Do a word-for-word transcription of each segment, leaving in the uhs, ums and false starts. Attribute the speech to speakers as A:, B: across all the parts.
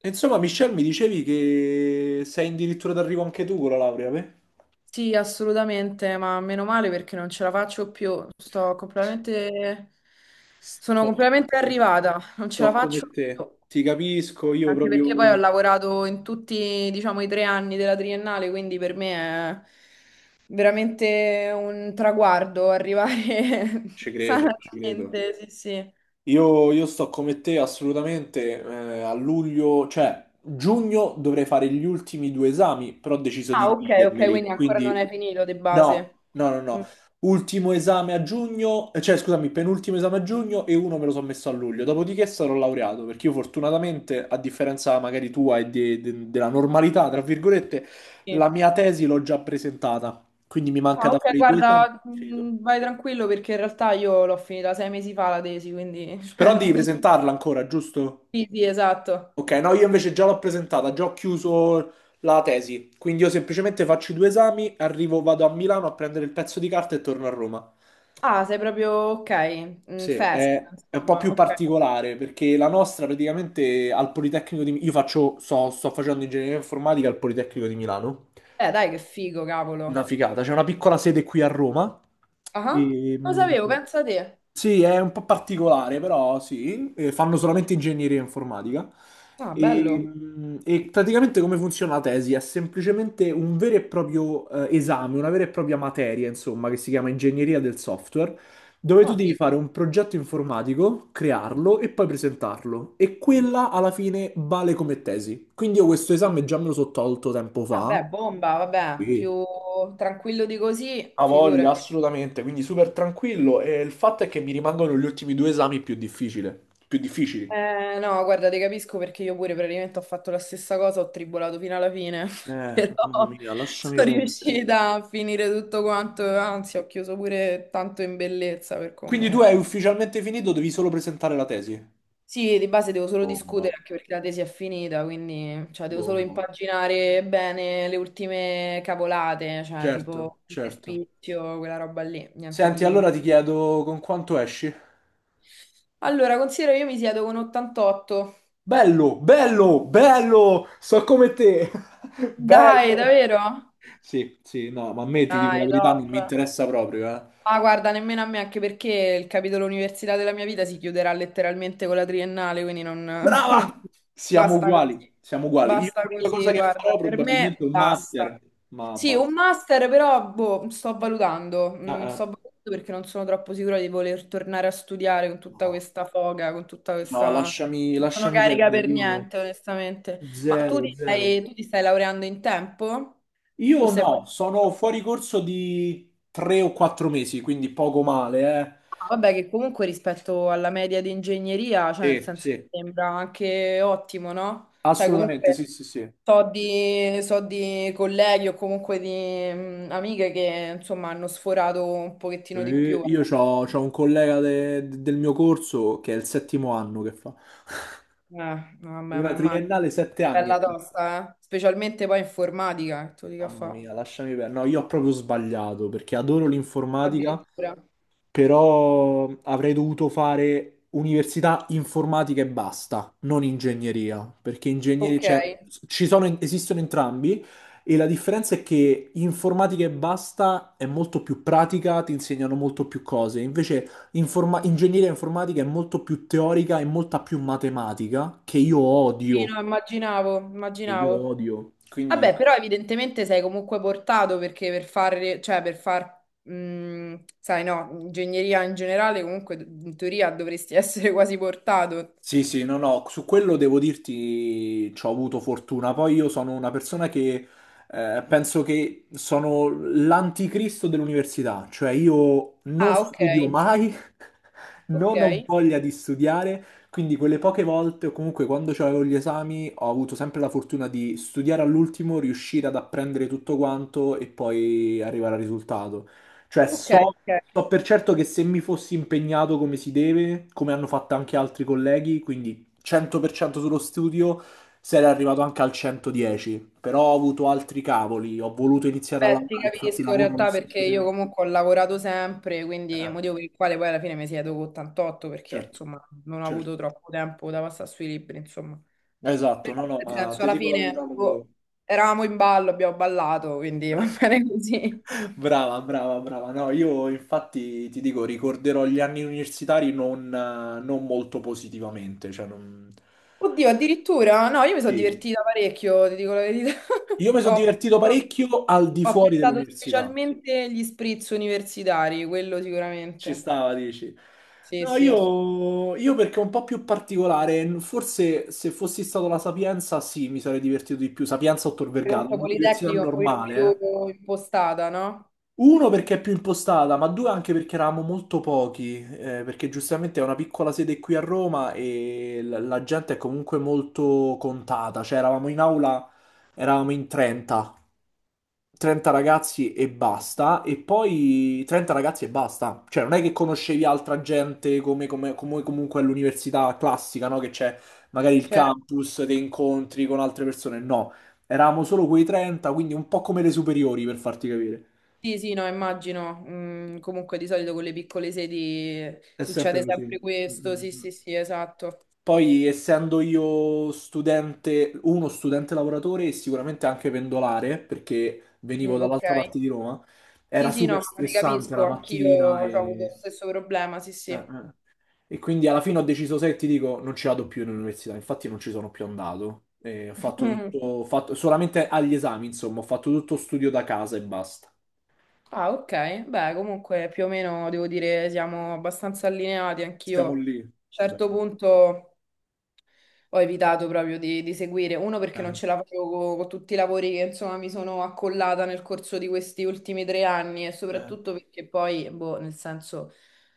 A: E insomma, Michelle, mi dicevi che sei addirittura d'arrivo anche tu con la laurea, beh?
B: Sì, assolutamente, ma meno male perché non ce la faccio più. Sto completamente... Sono
A: Sto come
B: completamente
A: te,
B: arrivata, non ce la
A: sto
B: faccio
A: come te.
B: più.
A: Ti capisco, io
B: Anche
A: proprio
B: perché poi ho lavorato in tutti, diciamo, i tre anni della triennale, quindi per me è veramente un traguardo arrivare
A: ci credo, ci credo.
B: sanamente, sì, sì.
A: Io, io sto come te assolutamente. Eh, a luglio, cioè giugno, dovrei fare gli ultimi due esami, però ho deciso
B: Ah,
A: di
B: ok, ok,
A: dividermeli.
B: quindi ancora non
A: Quindi
B: hai finito di base.
A: no, no, no,
B: Mm,
A: no. Ultimo esame a giugno, eh, cioè scusami, penultimo esame a giugno e uno me lo sono messo a luglio. Dopodiché sarò laureato, perché io fortunatamente, a differenza magari tua e de- de- della normalità, tra virgolette, la
B: sì.
A: mia tesi l'ho già presentata, quindi mi manca
B: Ah,
A: da
B: ok,
A: fare i due esami.
B: guarda,
A: Finito.
B: mh, vai tranquillo perché in realtà io l'ho finita sei mesi fa la tesi, quindi...
A: Però
B: cioè,
A: devi presentarla ancora, giusto?
B: sì, sì, esatto.
A: Ok, no, io invece già l'ho presentata, già ho chiuso la tesi, quindi io semplicemente faccio i due esami, arrivo, vado a Milano a prendere il pezzo di carta e torno a Roma.
B: Ah, sei proprio ok, mm,
A: Sì,
B: festa,
A: è, è un po'
B: insomma,
A: più
B: ok.
A: particolare perché la nostra praticamente al Politecnico di Milano, io faccio, so- sto facendo ingegneria informatica al Politecnico di Milano,
B: Eh, dai, che figo,
A: una
B: cavolo.
A: figata, c'è una piccola sede qui a Roma
B: Ah,
A: e,
B: lo sapevo, pensa te.
A: sì, è un po' particolare, però sì, eh, fanno solamente ingegneria informatica.
B: Ah,
A: E,
B: bello.
A: mh, e praticamente come funziona la tesi? È semplicemente un vero e proprio eh, esame, una vera e propria materia, insomma, che si chiama ingegneria del software, dove tu
B: Ah,
A: devi
B: figo.
A: fare un progetto informatico, crearlo e poi presentarlo. E quella alla fine vale come tesi. Quindi io questo esame già me lo sono tolto tempo fa.
B: Vabbè, bomba, vabbè,
A: Sì.
B: più tranquillo di così,
A: Ha voglia,
B: figurati.
A: assolutamente, quindi super tranquillo e il fatto è che mi rimangono gli ultimi due esami più difficile- più difficili.
B: Eh, no, guarda, ti capisco perché io pure praticamente ho fatto la stessa cosa, ho tribolato fino alla fine,
A: Eh,
B: però
A: mamma mia, lasciami
B: sono
A: perdere.
B: riuscita a finire tutto quanto, anzi ho chiuso pure tanto in bellezza per
A: Quindi tu
B: come...
A: hai ufficialmente finito, devi solo presentare la tesi.
B: Sì, di base devo solo
A: Bomba,
B: discutere anche perché la tesi è finita, quindi cioè, devo solo
A: bomba.
B: impaginare bene le ultime cavolate, cioè
A: Certo,
B: tipo il
A: certo.
B: spizio, quella roba lì, niente
A: Senti,
B: di...
A: allora ti chiedo con quanto esci?
B: Allora, considero io mi siedo con ottantotto.
A: Bello, bello, bello! So come te!
B: Dai,
A: Bello!
B: davvero?
A: Sì, sì, no, ma a me ti dico la
B: Dai,
A: verità, non mi
B: top.
A: interessa proprio, eh.
B: Ma guarda, nemmeno a me, anche perché il capitolo università della mia vita si chiuderà letteralmente con la triennale, quindi non...
A: Brava! Siamo
B: Basta
A: uguali,
B: così,
A: siamo uguali. Io
B: basta
A: l'unica
B: così,
A: cosa che
B: guarda,
A: farò
B: per
A: probabilmente è
B: me
A: un
B: basta.
A: master, ma
B: Sì,
A: basta.
B: un master però, boh, sto valutando.
A: Ah,
B: Mm, sto
A: ah.
B: valutando perché non sono troppo sicura di voler tornare a studiare con tutta
A: No,
B: questa foga, con tutta
A: no,
B: questa...
A: lasciami,
B: Non sono
A: lasciami
B: carica
A: perdere.
B: per
A: Io
B: niente, onestamente. Ma tu
A: zero,
B: ti
A: zero.
B: stai, tu ti stai laureando in tempo? O
A: Io
B: sei fuori?
A: no, sono fuori corso di tre o quattro mesi, quindi poco male, eh.
B: Vabbè, che comunque rispetto alla media di ingegneria, cioè nel
A: Sì,
B: senso
A: sì,
B: mi sembra anche ottimo, no? Cioè
A: assolutamente, sì,
B: comunque
A: sì, sì.
B: so di, so di colleghi o comunque di mm, amiche che insomma hanno sforato un pochettino di più,
A: Eh, Io
B: ecco.
A: c'ho, c'ho un collega de- del mio corso che è il settimo anno che fa.
B: Eh, no, vabbè, ma
A: Una
B: immagino.
A: triennale, sette anni.
B: Bella tosta, eh? Specialmente poi informatica, che tu dica
A: Mamma
B: fa.
A: mia, lasciami perdere. No, io ho proprio sbagliato perché adoro l'informatica,
B: Addirittura.
A: però avrei dovuto fare università informatica e basta, non ingegneria, perché ingegneria,
B: Ok.
A: cioè, ci sono, esistono entrambi e la differenza è che informatica e basta è molto più pratica, ti insegnano molto più cose, invece informa- ingegneria informatica è molto più teorica e molta più matematica, che io
B: Sì,
A: odio,
B: no, immaginavo,
A: che io
B: immaginavo.
A: odio. Quindi...
B: Vabbè, però evidentemente sei comunque portato perché per fare, cioè per far, mh, sai, no, ingegneria in generale comunque in teoria dovresti essere quasi portato.
A: Sì, sì, no, no, su quello devo dirti ci ho avuto fortuna. Poi io sono una persona che eh, penso che sono l'anticristo dell'università, cioè io non
B: Ah, ok,
A: studio mai,
B: ok,
A: non ho voglia di studiare, quindi quelle poche volte o comunque quando avevo gli esami ho avuto sempre la fortuna di studiare all'ultimo, riuscire ad apprendere tutto quanto e poi arrivare al risultato. Cioè,
B: ok,
A: so
B: ok.
A: So per certo che se mi fossi impegnato come si deve, come hanno fatto anche altri colleghi, quindi cento per cento sullo studio, sarei arrivato anche al centodieci. Però ho avuto altri cavoli, ho voluto iniziare a
B: Vabbè, ti
A: lavorare, infatti
B: capisco in
A: lavoro allo
B: realtà perché
A: stesso
B: io
A: tempo.
B: comunque ho lavorato sempre, quindi il
A: Eh,
B: motivo per il quale poi alla fine mi siedo con ottantotto perché
A: certo,
B: insomma non ho avuto
A: certo.
B: troppo tempo da passare sui libri, insomma.
A: Esatto,
B: Però
A: no, no,
B: nel
A: ma
B: senso
A: ti
B: alla
A: dico la verità
B: fine
A: proprio...
B: boh, eravamo in ballo, abbiamo ballato, quindi va bene così.
A: Brava, brava, brava. No, io infatti ti dico, ricorderò gli anni universitari non, eh, non molto positivamente, cioè non...
B: Oddio, addirittura? No, io mi sono
A: Sì,
B: divertita parecchio, ti dico la verità.
A: io mi sono
B: Ho,
A: divertito parecchio al di
B: ho
A: fuori
B: pensato
A: dell'università.
B: specialmente agli spritz universitari, quello
A: Ci
B: sicuramente.
A: stava, dici.
B: Sì,
A: No,
B: sì, assolutamente.
A: io, io perché è un po' più particolare, forse se fossi stato alla Sapienza, sì, mi sarei divertito di più. Sapienza o Tor Vergata,
B: Comunque
A: un'università
B: Politecnico è un pochino
A: normale,
B: più
A: eh.
B: impostata, no?
A: Uno perché è più impostata, ma due anche perché eravamo molto pochi, eh, perché giustamente è una piccola sede qui a Roma e la, la gente è comunque molto contata, cioè eravamo in aula, eravamo in trenta trenta ragazzi e basta, e poi trenta ragazzi e basta. Cioè, non è che conoscevi altra gente come, come- come comunque all'università classica, no? Che c'è magari il
B: Cioè,
A: campus, dei incontri con altre persone. No, eravamo solo quei trenta, quindi un po' come le superiori, per farti capire.
B: sì, sì, no, immagino. Mm, comunque di solito con le piccole sedi
A: È
B: succede
A: sempre così.
B: sempre questo, sì,
A: Mm-mm.
B: sì, sì, esatto.
A: Poi, essendo io studente, uno studente lavoratore e sicuramente anche pendolare, perché venivo
B: Mm, ok.
A: dall'altra parte di Roma,
B: Sì,
A: era
B: sì,
A: super
B: no, ma ti
A: stressante
B: capisco,
A: la
B: anch'io ho
A: mattina
B: avuto
A: e...
B: lo stesso problema, sì,
A: Eh,
B: sì.
A: eh. E quindi alla fine ho deciso, se ti dico, non ci vado più in università, infatti non ci sono più andato. E ho fatto tutto, ho fatto- solamente agli esami, insomma, ho fatto tutto studio da casa e basta.
B: Ah, ok. Beh, comunque più o meno devo dire siamo abbastanza allineati anch'io. A
A: Siamo
B: un
A: lì. Beh,
B: certo punto ho evitato proprio di, di seguire, uno perché non
A: eh,
B: ce la facevo co- con, tutti i lavori che insomma mi sono accollata nel corso di questi ultimi tre anni e
A: eh,
B: soprattutto perché poi, boh, nel senso,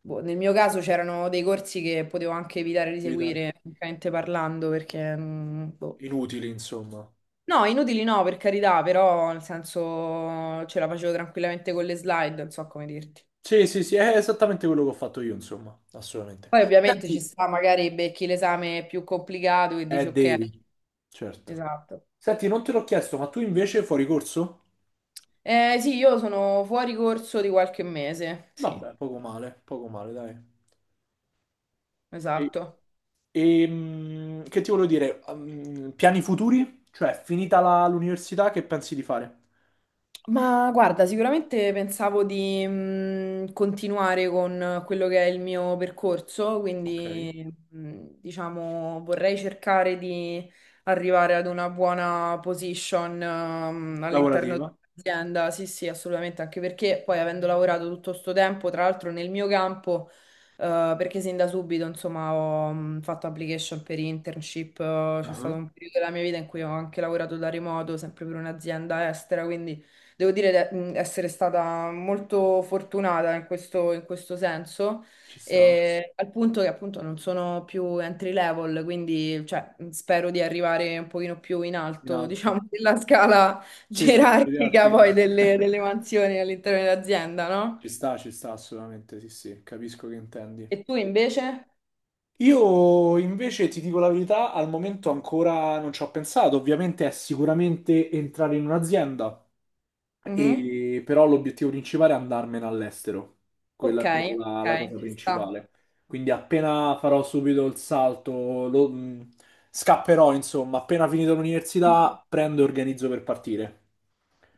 B: boh, nel mio caso c'erano dei corsi che potevo anche evitare di
A: evitare.
B: seguire, francamente parlando, perché, mm, boh.
A: Inutili, insomma.
B: No, inutili no, per carità, però nel senso ce la facevo tranquillamente con le slide, non so come dirti.
A: Sì, sì, sì, è esattamente quello che ho fatto io, insomma, assolutamente.
B: Poi ovviamente ci
A: Senti,
B: sta, magari becchi l'esame più complicato e dici
A: eh,
B: ok,
A: devi, certo.
B: esatto.
A: Senti, non te l'ho chiesto, ma tu invece fuori corso?
B: Eh sì, io sono fuori corso di qualche mese, sì,
A: Vabbè, poco male, poco male, dai. Sì.
B: esatto.
A: E mm, che ti volevo dire? Ehm, piani futuri? Cioè, finita la- l'università, che pensi di fare?
B: Ma guarda, sicuramente pensavo di mh, continuare con quello che è il mio percorso,
A: Ok.
B: quindi mh, diciamo vorrei cercare di arrivare ad una buona position ehm, all'interno
A: Lavorativa?
B: dell'azienda. Sì, sì, assolutamente, anche perché poi avendo lavorato tutto sto tempo, tra l'altro nel mio campo, eh, perché sin da subito, insomma, ho mh, fatto application per internship, eh, c'è stato
A: Ah,
B: un periodo della mia vita in cui ho anche lavorato da remoto, sempre per un'azienda estera, quindi devo dire di mh, essere stata molto fortunata in questo, in questo senso,
A: ci sta,
B: e al punto che appunto non sono più entry level, quindi cioè, mh, spero di arrivare un pochino più in
A: in
B: alto,
A: alto.
B: diciamo, nella scala
A: Sì, sì,
B: gerarchica
A: gerarchico.
B: poi delle, delle mansioni all'interno dell'azienda, no?
A: Ci sta, ci sta assolutamente, sì, sì, capisco che intendi.
B: E tu invece?
A: Io invece ti dico la verità, al momento ancora non ci ho pensato, ovviamente è sicuramente entrare in un'azienda.
B: Mhm.
A: E- però l'obiettivo principale è andarmene all'estero. Quella
B: Ok,
A: è proprio la, la
B: ok,
A: cosa
B: ci sta.
A: principale. Quindi appena farò subito il salto, lo- mh, scapperò, insomma, appena finito l'università, prendo e organizzo per partire.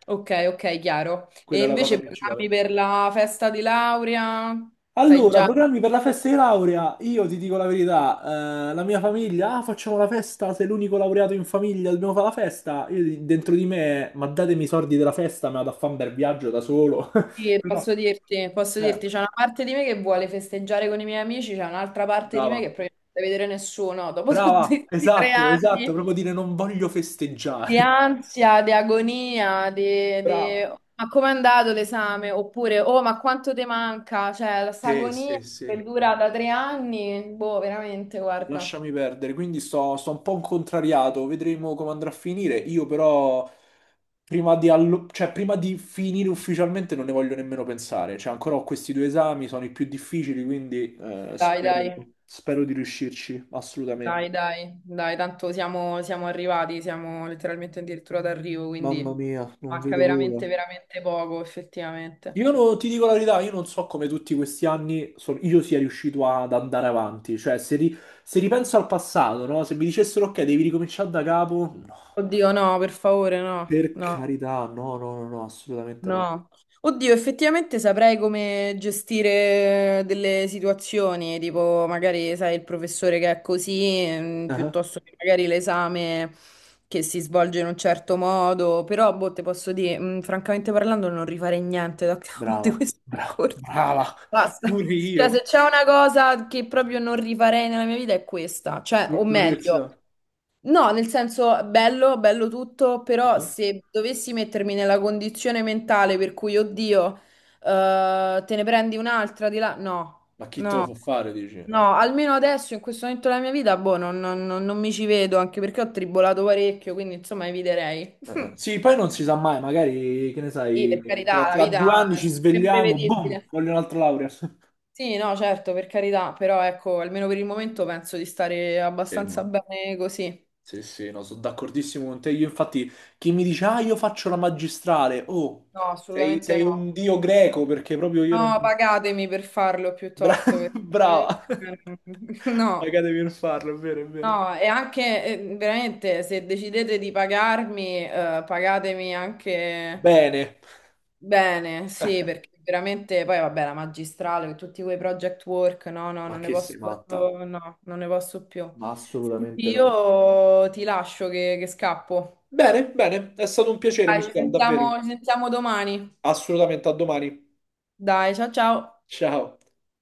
B: Ok, ok, chiaro. E
A: Quella è la cosa
B: invece programmi
A: principale.
B: per la festa di laurea? Sai
A: Allora,
B: già?
A: programmi per la festa di laurea. Io ti dico la verità, eh, la mia famiglia, ah, facciamo la festa, sei l'unico laureato in famiglia, dobbiamo fare la festa. Io di- dentro di me, ma datemi i soldi della festa, me la da fare un bel viaggio da solo.
B: Sì,
A: Però,
B: posso dirti, posso
A: eh,
B: dirti, c'è una parte di me che vuole festeggiare con i miei amici, c'è un'altra parte di me che
A: brava.
B: probabilmente non vuole vedere nessuno. Dopo tutti
A: Brava,
B: questi tre
A: esatto, esatto,
B: anni
A: proprio dire non voglio festeggiare.
B: di ansia, di agonia, di, di-
A: Brava.
B: ma com'è andato l'esame? Oppure, oh, ma quanto ti manca? Cioè, la sta
A: Sì,
B: agonia
A: sì,
B: che
A: sì,
B: dura da tre anni, boh, veramente, guarda.
A: lasciami perdere. Quindi sto, sto un po' contrariato, vedremo come andrà a finire. Io però, prima di, allo- cioè, prima di finire ufficialmente, non ne voglio nemmeno pensare. Cioè, ancora ho questi due esami, sono i più difficili, quindi eh,
B: Dai,
A: spero,
B: dai,
A: spero di riuscirci, assolutamente.
B: dai, dai, dai, tanto siamo, siamo arrivati, siamo letteralmente addirittura d'arrivo,
A: Mamma
B: quindi
A: mia, non
B: manca
A: vedo l'ora.
B: veramente, veramente poco, effettivamente.
A: Io no- ti dico la verità, io non so come tutti questi anni son- io sia riuscito ad andare avanti. Cioè, se, ri- se ripenso al passato, no? Se mi dicessero, ok, devi ricominciare da capo, no.
B: Oddio, no, per favore, no,
A: Per
B: no,
A: carità, no, no, no, no, assolutamente no.
B: no. Oddio, effettivamente saprei come gestire delle situazioni, tipo magari, sai, il professore che è così, mm,
A: Ah,
B: piuttosto che magari l'esame che si svolge in un certo modo, però, boh, te posso dire, mm, francamente parlando, non rifarei niente da capo di
A: brava,
B: questo
A: bra-
B: percorso.
A: brava,
B: Basta.
A: pure
B: Cioè,
A: io.
B: se c'è una cosa che proprio non rifarei nella mia vita è questa, cioè, o
A: L- l'università.
B: meglio. No, nel senso, bello, bello tutto, però
A: Ah.
B: se dovessi mettermi nella condizione mentale per cui, oddio, eh, te ne prendi un'altra di là, no,
A: Ma chi te lo
B: no,
A: fa fare, dici? Eh,
B: no, almeno adesso, in questo momento della mia vita, boh, non, non- non- non mi ci vedo, anche perché ho tribolato parecchio, quindi insomma eviterei.
A: eh. Sì, poi non si sa mai, magari, che ne
B: Sì,
A: sai,
B: per
A: tra,
B: carità, la
A: tra due
B: vita
A: anni ci
B: è
A: svegliamo, boom,
B: imprevedibile.
A: voglio un'altra laurea.
B: Sì, no, certo, per carità, però ecco, almeno per il momento penso di stare abbastanza
A: Fermo.
B: bene così.
A: Sì, sì, no, sono d'accordissimo con te. Io infatti, chi mi dice, ah, io faccio la magistrale, oh,
B: No,
A: sei,
B: assolutamente
A: sei un
B: no.
A: dio greco perché proprio io non...
B: No, pagatemi per farlo
A: Bra-
B: piuttosto, perché
A: brava.
B: veramente- No,
A: Pagatemi per farlo, è vero, è vero.
B: no, e anche eh, veramente se decidete di pagarmi, eh, pagatemi anche
A: Bene.
B: bene, sì, perché veramente poi vabbè la magistrale, tutti quei project work, no, no,
A: Ma
B: non ne
A: che
B: posso,
A: sei matta?
B: proprio- no, non ne posso più.
A: Ma
B: Senti,
A: assolutamente no.
B: io ti lascio che, che scappo.
A: Bene, bene, è stato un piacere,
B: Dai, ci
A: Michelle, davvero.
B: sentiamo, ci sentiamo domani.
A: Assolutamente, a domani.
B: Dai, ciao ciao.
A: Ciao.